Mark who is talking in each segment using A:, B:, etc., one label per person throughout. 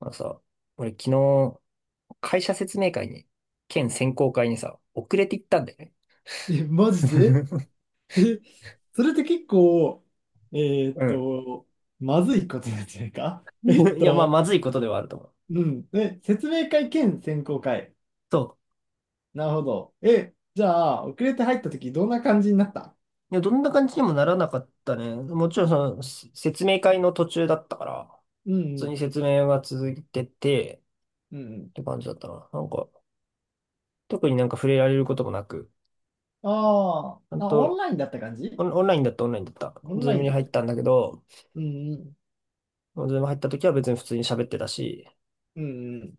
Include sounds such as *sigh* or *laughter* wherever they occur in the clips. A: まあのさ、俺昨日、会社説明会に、県選考会にさ、遅れて行ったんだよね。
B: え、マジで？
A: *laughs*
B: *laughs* え、それって結構、えーっ
A: う
B: と、まずいことなんじゃないか？ *laughs*
A: ん。*laughs* いや、まあ、まずいことではあると思う。
B: うん。え、説明会兼選考会。
A: そ
B: なるほど。え、じゃあ、遅れて入った時どんな感じになった？
A: う。いや、どんな感じにもならなかったね。もちろん、説明会の途中だったから、
B: うん
A: 普
B: う
A: 通
B: ん。
A: に説明は続いてて、
B: うんうん。
A: って感じだったな。なんか、特になんか触れられることもなく、
B: あー
A: ちゃん
B: あ、オン
A: と、
B: ラインだった感じ？
A: オンラインだった。
B: オン
A: ズ
B: ラ
A: ー
B: イ
A: ム
B: ン
A: に
B: だっ
A: 入
B: た
A: ったん
B: か。
A: だけど、
B: うんうん。
A: ズーム入った時は別に普通に喋ってたし、
B: うんうん。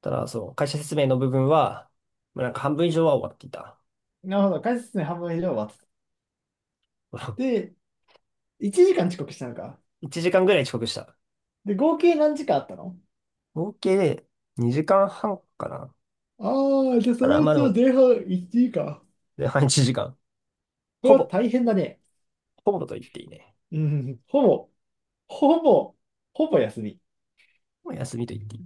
A: ただ、そう、会社説明の部分は、まあなんか半分以上は終わっていた。
B: なるほど。解説に半分以上終わってた。
A: *laughs*
B: で、1時間遅刻したのか。
A: 1時間ぐらい遅刻した。
B: で、合計何時間あったの？
A: 合計で2時間半かな。
B: ああー、じゃあそ
A: ただ、
B: のう
A: まあ
B: ち
A: で
B: の
A: も、
B: 前半1時間。
A: 前半1時間。
B: これ
A: ほ
B: は
A: ぼ、
B: 大変だね。
A: ほぼと言っていいね。
B: うん、ほぼ、ほぼ、ほぼ休み。
A: もう休みと言っていい。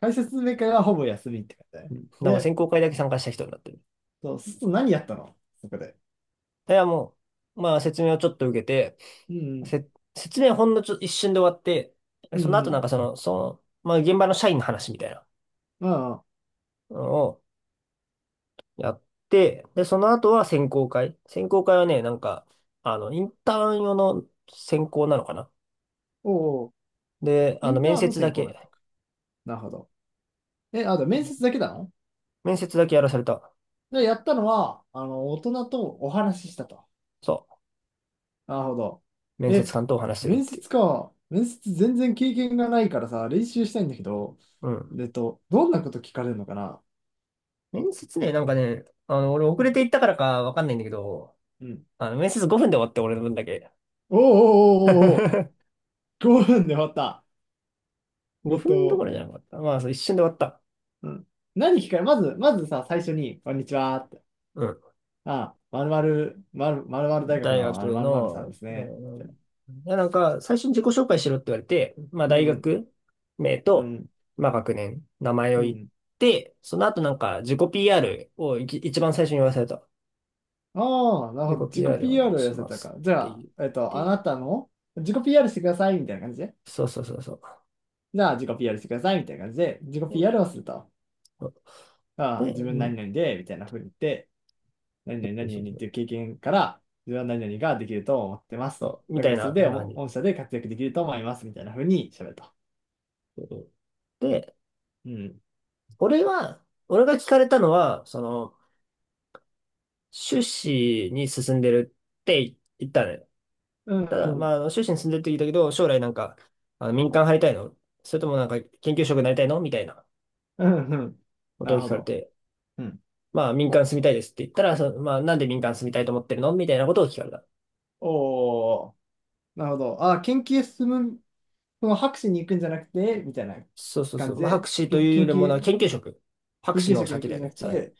B: 解説メーカーがほぼ休みって感じだ
A: う
B: ね。
A: ん。だからまあ
B: で、
A: 選考会だけ参加した人になってる。
B: そうすると何やったの、そこで？
A: いや、まあ説明をちょっと受けて、
B: うん、
A: せ、説明ほんのちょ、一瞬で終わって、
B: う
A: その後なんか
B: ん、
A: まあ現場の社員の話みたいな
B: うん。ああ、
A: のを、やって、で、その後は選考会。選考会はね、なんか、あの、インターン用の選考なのかな。
B: おお。
A: で、
B: イ
A: あの、
B: ンターンの専攻やったのか。なるほど。え、あと面接だけなの
A: 面接だけやらされた。
B: で、やったのは、あの、大人とお話ししたと。
A: そ
B: なるほど。
A: う。面
B: え、
A: 接官とお話しするっ
B: 面
A: てい
B: 接か。面接全然経験がないからさ、練習したいんだけど、
A: う。うん。
B: どんなこと聞かれるのかな？
A: 面接ね、なんかね、あの、俺遅
B: う
A: れ
B: ん、
A: て行ったからかわかんないんだけど、
B: うん。
A: あの、面接5分で終わって、俺の分だけ。
B: おーおーお
A: *laughs*
B: ーおーおー、5分で終わった。えっ
A: 5分どこ
B: と、
A: ろじゃなかった。まあ、そう一瞬で終わった。
B: うん。何聞かれ、まずさ、最初に、こんにちはって。あ、まるまる、まるまるまる大学
A: 大
B: のあの
A: 学
B: まるまるさん
A: の、
B: ですね、み
A: ん、
B: たい
A: いや、なんか、最初に自己紹介しろって言われて、まあ、
B: な。う
A: 大
B: ん、
A: 学名
B: うん、う
A: と、
B: ん、
A: まあ、学年、名前を
B: う
A: 言っ
B: ん。
A: て、その後なんか、自己 PR を一番最初に言わされた。
B: ああ、なる
A: 自
B: ほど。
A: 己
B: 自己
A: PR をお願
B: PR
A: い
B: を
A: し
B: 寄せ
A: ま
B: た
A: す
B: か。じ
A: って
B: ゃ
A: 言
B: あ、
A: っ
B: あ
A: て、
B: なたの自己 PR してくださいみたいな感じで。
A: そう。
B: じゃあ、自己 PR してくださいみたいな感じで、自己 PR
A: で、
B: をすると。
A: そう
B: ああ、
A: で
B: 自分
A: う
B: 何
A: ん、
B: 々で、みたいな風に言って、何
A: そ
B: 々
A: うそ
B: 何
A: う
B: 々
A: そ
B: っ
A: う。
B: ていう経験から、自分は何々ができると思ってますと。
A: そうみ
B: だ
A: た
B: か
A: い
B: らそれ
A: な、
B: で
A: な
B: お
A: に。
B: 御社で活躍できると思いますみたいな風に喋ると。
A: うんで、
B: うん。
A: 俺が聞かれたのは、その、修士に進んでるって言ったのよ。
B: うん、
A: ただ、
B: う
A: ま
B: ん、
A: あ、あの修士に住んでるって言ったけど、将来なんか、あの民間入りたいの、それともなんか研究職になりたいのみたいな
B: うん、うん。
A: こ
B: な
A: とを
B: る
A: 聞
B: ほ
A: かれ
B: ど。
A: て、
B: うん。
A: まあ、民間住みたいですって言ったら、そのまあ、なんで民間住みたいと思ってるのみたいなことを聞かれた。
B: おー、なるほど。あ、研究進む、その博士に行くんじゃなくて、みたいな
A: そうそうそ
B: 感
A: う。
B: じ
A: まあ、博
B: で、
A: 士というよりもな、研究職。博
B: 研
A: 士
B: 究
A: の
B: 職に行
A: 先
B: く
A: だ
B: んじ
A: よ
B: ゃな
A: ね、
B: く
A: さらに。
B: て、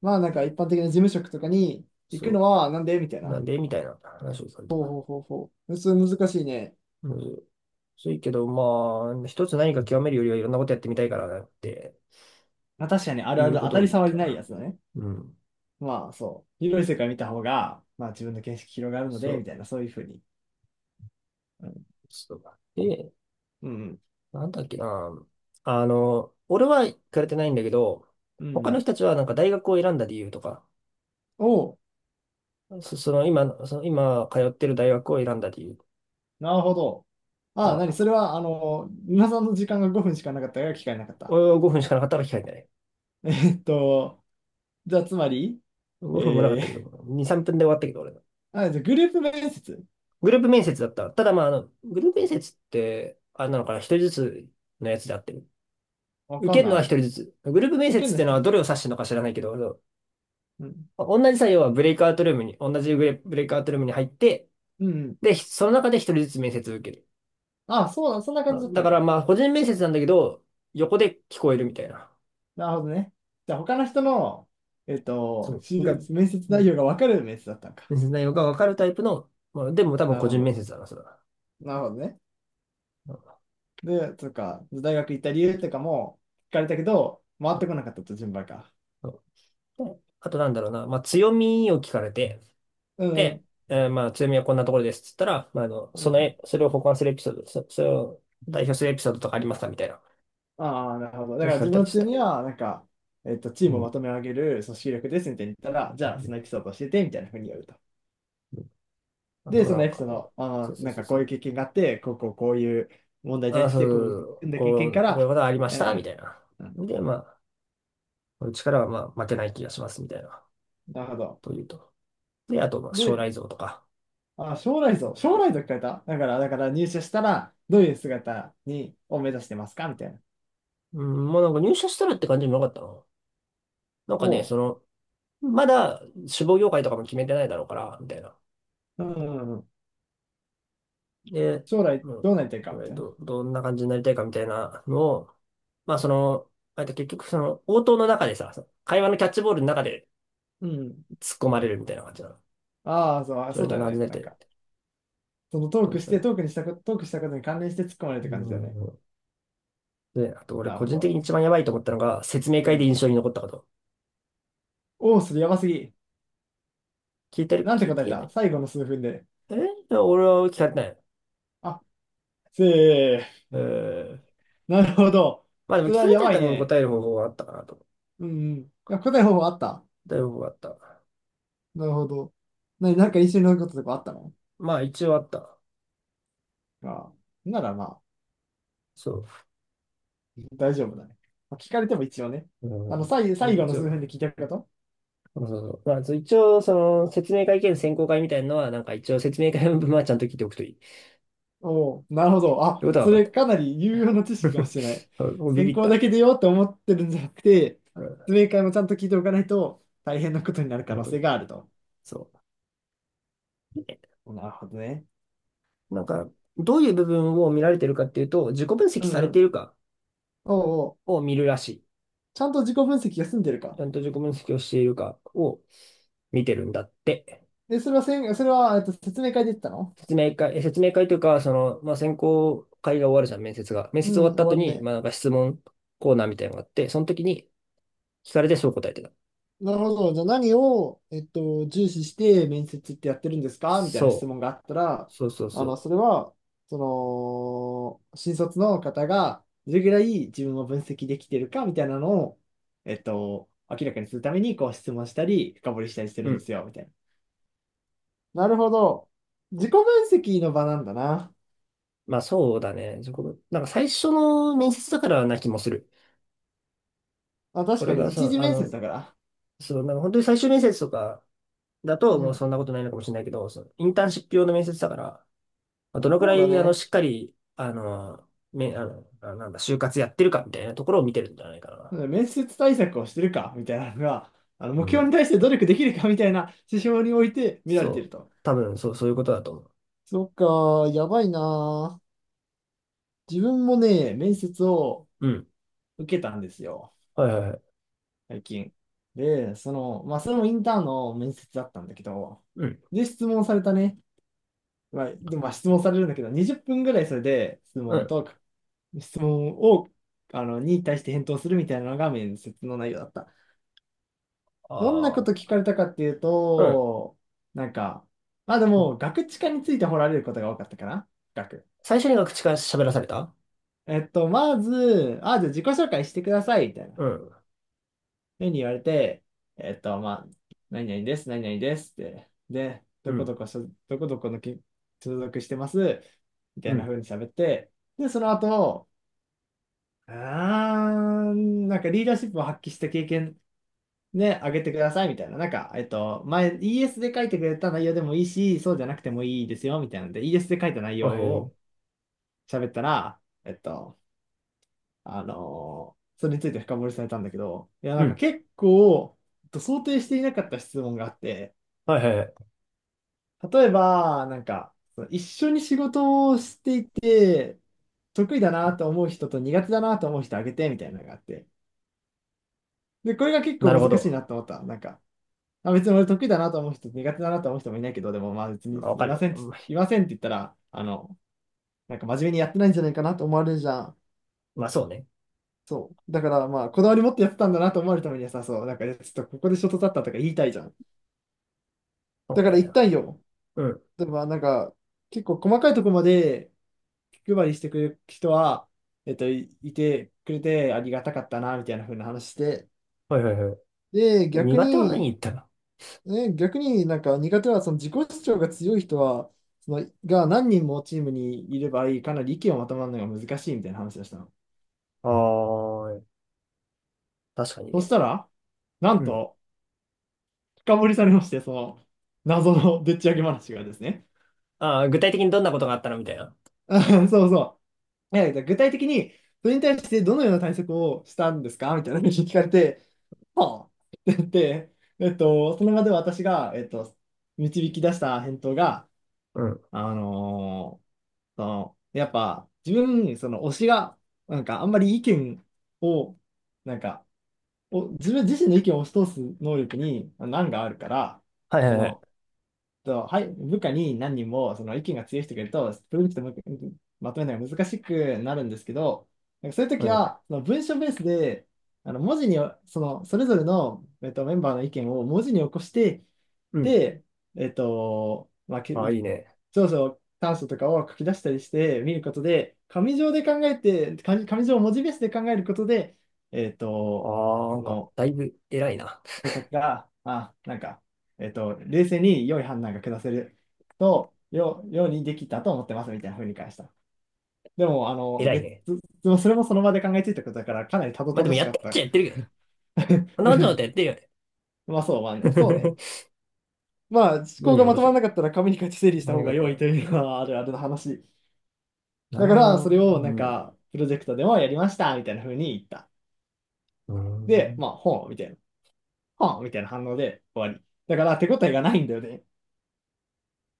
B: まあなん
A: う
B: か
A: ん。
B: 一般的な事務職とかに行くの
A: そ
B: はなんでみたい
A: う。なん
B: な。
A: でみたいな話をされ
B: ほう
A: た。
B: ほうほうほう。それ難しいね。
A: うん。そういけど、まあ、一つ何か極めるよりはいろんなことやってみたいからなって
B: まあ確かに、ある
A: い
B: あ
A: う
B: る、
A: こ
B: 当
A: と
B: た
A: を
B: り
A: 言っ
B: 障
A: た
B: り
A: か
B: ない
A: ら。
B: やつだね。
A: うん。
B: まあそう、広い世界見た方が、まあ自分の見識広がるの
A: そ
B: で、み
A: う。
B: たいな、そういうふうに。うん、
A: そう。で、
B: うん、
A: なんだっけな。あの、俺は行かれてないんだけど、
B: うん。
A: 他
B: う
A: の
B: ん、
A: 人たちはなんか大学を選んだ理由とか、
B: おう、
A: その今の、その今通ってる大学を選んだ理由と
B: なるほど。ああ、
A: か、
B: なに、それは、あの、皆さんの時間が5分しかなかったから聞かれなかった。
A: 俺は5分しかなかったから聞かれてない。
B: *laughs* えっと、じゃあつまり、え
A: 5分もなかったけど、
B: ー、
A: 2、3分で終わったけど、俺の。
B: *laughs* あ、じゃあグループ面接？
A: グループ面接だった。ただまあ、あの、グループ面接って、あれなのかな、一人ずつのやつであってる。
B: わ
A: 受
B: かん
A: けるのは
B: な
A: 一
B: い。
A: 人ずつ。グループ面
B: 受け
A: 接
B: ん
A: っ
B: な
A: ていうの
B: 人。
A: はどれを指してるのか知らないけど、
B: うん、
A: 同じ作業はブレイクアウトルームに、同じブレイクアウトルームに入って、
B: うん、うん。
A: で、その中で一人ずつ面接を受ける。
B: ああ、そうだ、そんな感じだった
A: だ
B: ん
A: から
B: か。
A: まあ、個人面接なんだけど、横で聞こえるみたいな。
B: なるほどね。じゃあ他の人の、えっと、
A: そ
B: し
A: う。
B: 面接
A: う
B: 内容
A: ん、
B: がわかる面接だったんか。
A: 面接内容がわかるタイプの、まあ、でも多分
B: なる
A: 個
B: ほ
A: 人
B: ど。
A: 面接だな、それは。
B: なるほどね。
A: うん。
B: で、とか、大学行った理由とかも聞かれたけど、回
A: う
B: ってこ
A: ん。
B: なかったと、順番が。
A: うん。で、あとなんだろうな、まあ、強みを聞かれて、
B: う
A: で、
B: ん
A: まあ、強みはこんなところですっつったら、まあ、
B: うん。
A: それを補完するエピソード、それを代表するエピソードとかありますかみたいな、
B: ああ、なるほど。だか
A: 聞
B: ら
A: か
B: 自
A: れた
B: 分
A: り
B: の
A: し
B: 強
A: た。
B: みは、なんか、チー
A: う
B: ムをま
A: ん。
B: とめ上げる組織力ですみたいに言ったら、じゃ
A: う
B: あ、そ
A: ん。
B: のエピソードを教えて、みたいな風に言うと。
A: あ
B: で、
A: と
B: そ
A: な
B: の
A: ん
B: エピ
A: か、
B: ソー
A: うん、
B: ド、あ
A: そう
B: ー
A: そう
B: なん
A: そう
B: かこ
A: そ
B: うい
A: う。
B: う経験があって、こうこうこういう問題に
A: あ、
B: 対して、こうこう組んだ経験か
A: こういう
B: ら、
A: ことありま
B: う
A: したみた
B: ん、
A: いな。
B: うん、
A: で、まあ、この力はまあ負けない気がしますみたいな、
B: なるほど。
A: というと。で、あとまあ将
B: で、
A: 来像とか。
B: あー、将来像、将来像聞かれた。だから入社したら、どういう姿に、を目指してますかみたいな。
A: うん、もうなんか入社したらって感じもなかったの。なんかね、
B: を、
A: その、まだ志望業界とかも決めてないだろうから、みたいな。
B: うん。
A: で、
B: 将来
A: う
B: ど
A: ん、
B: うなりたいか
A: そ
B: み
A: れ
B: たいな。
A: ど、どんな感じになりたいかみたいなのを、まあその、あと結局その応答の中でさ、会話のキャッチボールの中で
B: うん。
A: 突っ込まれるみたいな感じなの。
B: ああ、そう、あ
A: そ
B: そ
A: れ
B: う
A: と
B: だよ
A: 同じ
B: ね。
A: ねっ
B: なん
A: て、
B: か、そのトー
A: 東
B: クし
A: 京
B: て、
A: に。
B: トークにしたこ、トークしたことに関連して突っ込まれるって
A: う
B: 感じだよね。
A: ん。で、あと俺
B: なる
A: 個
B: ほ
A: 人的
B: ど。
A: に一番やばいと思ったのが、説明
B: う
A: 会で
B: ん。
A: 印象に残ったこと。
B: おお、それやばすぎ。
A: 聞いてる
B: なんて
A: 聞い
B: 答え
A: てな
B: た
A: い。
B: 最後の数分で。
A: 俺は聞かれてない。
B: あ、せ
A: えー、
B: ー。なるほど。
A: まあでも
B: それ
A: 聞か
B: は
A: れ
B: や
A: た
B: ばい
A: ために
B: ね。
A: 答える方法があったかなと。
B: うん、うん。いや、答え方法あった。
A: だいぶあった。
B: なるほど。なに、なんか一緒に乗ることとかあったの？
A: まあ一応あった。
B: ああ。ならまあ、
A: そ
B: 大丈夫だね。まあ聞かれても一応ね。
A: う。
B: あの、最、
A: う
B: 最
A: ん、
B: 後の
A: 一
B: 数
A: 応。
B: 分で聞いたこと。
A: そう。まあそう一応、その説明会兼選考会みたいなのは、なんか一応説明会の分はちゃんと聞いておくといい。っ
B: おお、なるほど。
A: て
B: あ、
A: ことは
B: そ
A: 分かっ
B: れ
A: た。
B: かなり有用な知識かも
A: *laughs*
B: しれない。
A: うん、もうビ
B: 専
A: ビっ
B: 攻だ
A: た。
B: けでよって思ってるんじゃなくて、
A: う
B: 説
A: ん、
B: 明会もちゃんと聞いておかないと大変なことになる可能性
A: ど
B: があると。
A: そ
B: なるほどね。
A: う。なんか、どういう部分を見られてるかっていうと、自己分析
B: うん
A: され
B: う
A: てい
B: ん。
A: るか
B: おうおう、
A: を見るらしい。
B: ちゃんと自己分析が済んでる
A: ち
B: か。
A: ゃんと自己分析をしているかを見てるんだって。
B: え、それは、説明会で言ったの？
A: 説明会というか、その、まあ、選考会が終わるじゃん、面接が。面
B: う
A: 接終わっ
B: ん、終
A: た後
B: わる
A: に、
B: ね。
A: まあ、なんか質問コーナーみたいなのがあって、その時に聞かれてそう答えてた。
B: なるほど。じゃあ何を、重視して面接ってやってるんですかみたいな質
A: そう。
B: 問があったら、
A: そうそう
B: あの、そ
A: そ
B: れは、その、新卒の方がどれぐらい自分を分析できてるかみたいなのを、明らかにするために、こう質問したり、深掘りしたりして
A: う。
B: る
A: う
B: んで
A: ん。
B: すよ、みたいな。なるほど。自己分析の場なんだな。
A: まあ、そうだね。そこなんか最初の面接だからな気もする。
B: まあ、
A: こ
B: 確か
A: れ
B: に、
A: が
B: 一
A: さ、
B: 次
A: あ
B: 面接
A: の、
B: だから。
A: そう、なんか本当に最終面接とかだと、
B: う
A: もうそん
B: ん。
A: なことないのかもしれないけど、そのインターンシップ用の面接だから、まあどのく
B: そ
A: ら
B: うだ
A: い、
B: ね。
A: しっかり、あの、め、あの、あなんだ、就活やってるかみたいなところを見てるんじゃないかな。
B: 面接対策をしてるかみたいなのが、あの
A: う
B: 目標
A: ん。
B: に対して努力できるかみたいな指標において見られてい
A: そ
B: る
A: う。
B: と。
A: 多分、そう、そういうことだと思う。
B: そっか、やばいな。自分もね、面接を
A: うん。
B: 受けたんですよ、
A: はいはいはい。
B: 最近。で、その、まあ、それもインターンの面接だったんだけど、
A: うん。
B: で、質問されたね。まあ、でもまあ質問されるんだけど、20分ぐらいそれで質
A: う
B: 問
A: ん。
B: と、質問を、あの、に対して返答するみたいなのが面接の内容だった。どんなこ
A: あ
B: と
A: あ。
B: 聞かれたかっていう
A: うん。
B: と、なんか、まあで
A: そう、
B: も、ガクチカについて掘られることが多かったかな学。
A: 最初にが口から喋らされた。
B: まず、あ、じゃあ自己紹介してください、みたいな。
A: うん。
B: ふうに言われて、まあ、何々です、何々ですって。で、
A: うん。
B: どこどこの所属してます、みた
A: う
B: いな
A: ん。
B: 風に喋って、で、その後、あーなんかリーダーシップを発揮した経験ね、あげてくださいみたいな。なんか、前、ES で書いてくれた内容でもいいし、そうじゃなくてもいいですよ、みたいなので、ES で書いた内
A: あ、
B: 容
A: へ
B: を
A: え。
B: 喋ったら、えっと、それについて深掘りされたんだけど、いや、
A: う
B: なんか
A: ん。
B: 結構、想定していなかった質問があって、
A: はいはいはい。
B: 例えば、なんか、その一緒に仕事をしていて、得意だなと思う人と苦手だなと思う人あげて、みたいなのがあって。で、これが結構
A: なるほ
B: 難しい
A: ど。
B: なと思った。なんか、まあ、別に俺得意だなと思う人、苦手だなと思う人もいないけど、でもまあ別
A: ま
B: に
A: あわ
B: い
A: か
B: ま
A: る。
B: せんって、
A: うん。
B: いませんって言ったら、あの、なんか真面目にやってないんじゃないかなと思われるじゃん。
A: まあ、そうね。
B: そう。だからまあ、こだわり持ってやってたんだなと思われるためにはさ、そう、なんかいやちょっとここでショートだったとか言いたいじゃん。
A: そ
B: だ
A: う
B: から言
A: ね。
B: ったんよ。
A: うん。
B: でもまあなんか、結構細かいとこまで気配りしてくれる人は、いてくれてありがたかったな、みたいな風な話して。
A: はいはいはい。
B: で、逆
A: 苦手は何
B: に、
A: 言ったら。
B: ね、逆になんか苦手はその自己主張が強い人は、そのが何人もチームにいればいい、かなり意見をまとまるのが難しいみたいな話をしたの。
A: ああー、確かに
B: そし
A: ね。
B: たら、な
A: う
B: ん
A: ん。
B: と深掘りされまして、その謎のでっち上げ話がですね。
A: ああ、具体的にどんなことがあったのみたいな。
B: *laughs* あそうそう。いや、具体的にそれに対してどのような対策をしたんですかみたいな話を聞かれて、はあって言って、その場で私が、導き出した返答が、
A: うん。
B: あのーその、やっぱ、自分、その推しが、なんかあんまり意見を、なんか、お、自分自身の意見を押し通す能力に、難があるから、
A: はい
B: そ
A: はいはい。
B: の、と、はい、部下に何人もその意見が強い人がいると、プロジェクトもまとめるのが難しくなるんですけど、なんかそういう
A: う
B: 時
A: ん。
B: は、その文章ベースで、あの文字に、その、それぞれの、メンバーの意見を文字に起こして、
A: うん。
B: で、まあ、
A: ああ、いいね。
B: 長所、短所とかを書き出したりして見ることで、紙上で考えて、紙上を文字ベースで考えることで、えっ
A: あ
B: と、
A: あ、な
B: そ
A: んか、
B: の、
A: だいぶ偉いな。
B: 対策が、あ、なんか、冷静に良い判断が下せると、よ、ようにできたと思ってますみたいな風に返した。でも、あの、
A: 偉い
B: で、
A: ね。
B: つそれもその場で考えついたことだから、かなりたど
A: まあ
B: た
A: で
B: ど
A: も
B: し
A: やっ
B: か
A: て
B: っ
A: っちゃ
B: た。
A: やってるけどね。
B: *laughs* う
A: 話をっ
B: ん
A: てよね。
B: まあそう、まあね、そうね。
A: *laughs*
B: まあ、思
A: 無事
B: 考
A: に
B: が
A: 起
B: ま
A: こ
B: と
A: して
B: まら
A: る。
B: なかったら紙に書いて整理した
A: 何
B: 方
A: が
B: が
A: 変わ
B: 良い
A: る。
B: というのはあるあるの話。
A: な
B: だ
A: る
B: か
A: ほ
B: ら、そ
A: ど
B: れ
A: ね。
B: を
A: う
B: なん
A: ん。う
B: か、プロジェクトでもやりましたみたいな風に言った。で、
A: ん。
B: まあ、ほうみたいな、ほうみたいな反応で終わり。だから、手応えがないんだよね。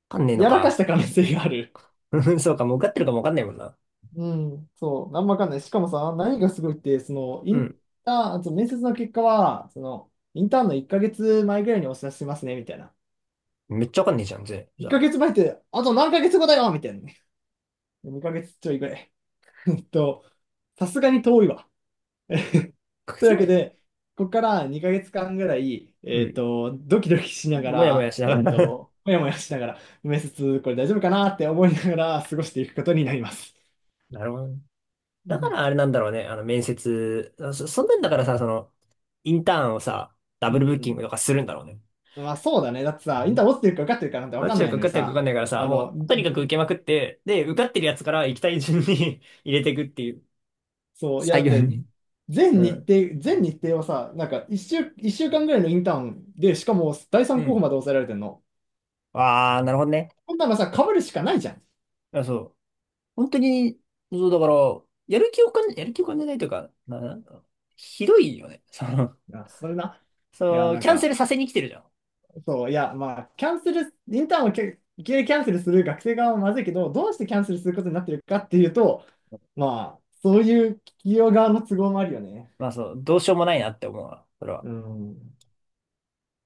A: わかんねえの
B: やらかし
A: か。
B: た可能性がある。
A: *laughs* そうか、もう受かってるかもわかんないもんな。
B: うん、そう、なんもわかんない。しかもさ、何がすごいって、その、イ
A: う
B: ン
A: ん。
B: ターン、あと面接の結果は、その、インターンの1ヶ月前ぐらいにお知らせしますね、みたいな。
A: めっちゃわかんねえじゃん、ぜ。じ
B: 1
A: ゃあ、
B: ヶ月前って、あと何ヶ月後だよみたいなね。ヶ月ちょいぐらい。*laughs* えっと、さすがに遠いわ。
A: 書け
B: という
A: つ
B: わ
A: な
B: け
A: い。
B: で、ここから2ヶ月間ぐらい、
A: うん。
B: ドキドキしなが
A: もやもや
B: ら、
A: しながら。
B: もやもやしながら、面接、これ大丈夫かなって思いながら過ごしていくことになります。
A: *laughs* なるほどね。
B: *laughs* う
A: だか
B: ん。
A: らあれなんだろうね。あの、面接。そんなんだからさ、その、インターンをさ、ダ
B: う
A: ブルブッキング
B: ん
A: とかするんだろうね。
B: まあそうだね。だってさ、インター落ちてるか受かってるかなんて分
A: ど
B: か
A: ち
B: ん
A: ら
B: な
A: か
B: い
A: 受
B: のに
A: かってるか受か
B: さ、
A: んないからさ、
B: あの、
A: もう、とにかく受けまくって、で、受かってるやつから行きたい順に *laughs* 入れていくっていう。
B: そう、いや
A: 作
B: だっ
A: 業
B: て、
A: に。う
B: 全日
A: ん。
B: 程、全日程をさ、なんか1週、一週間ぐらいのインターンで、しかも第
A: う
B: 3候補
A: ん。
B: まで抑えられてんの。
A: ああ、なるほどね。
B: こんなのさ、被るしかないじゃん。
A: あ、そう。本当に、そう、だから、やる気を感じないというか、なんかひどいよね。その、
B: いや、それな。
A: *laughs*
B: いや、
A: そう、
B: なん
A: キャンセ
B: か、
A: ルさせに来てるじゃん。
B: そう、いや、まあ、キャンセル、インターンをけ受けキャンセルする学生側はまずいけど、どうしてキャンセルすることになってるかっていうと、まあ、そういう企業側の都合もあるよね。
A: まあそう、どうしようもないなって思うわ。それは
B: うん。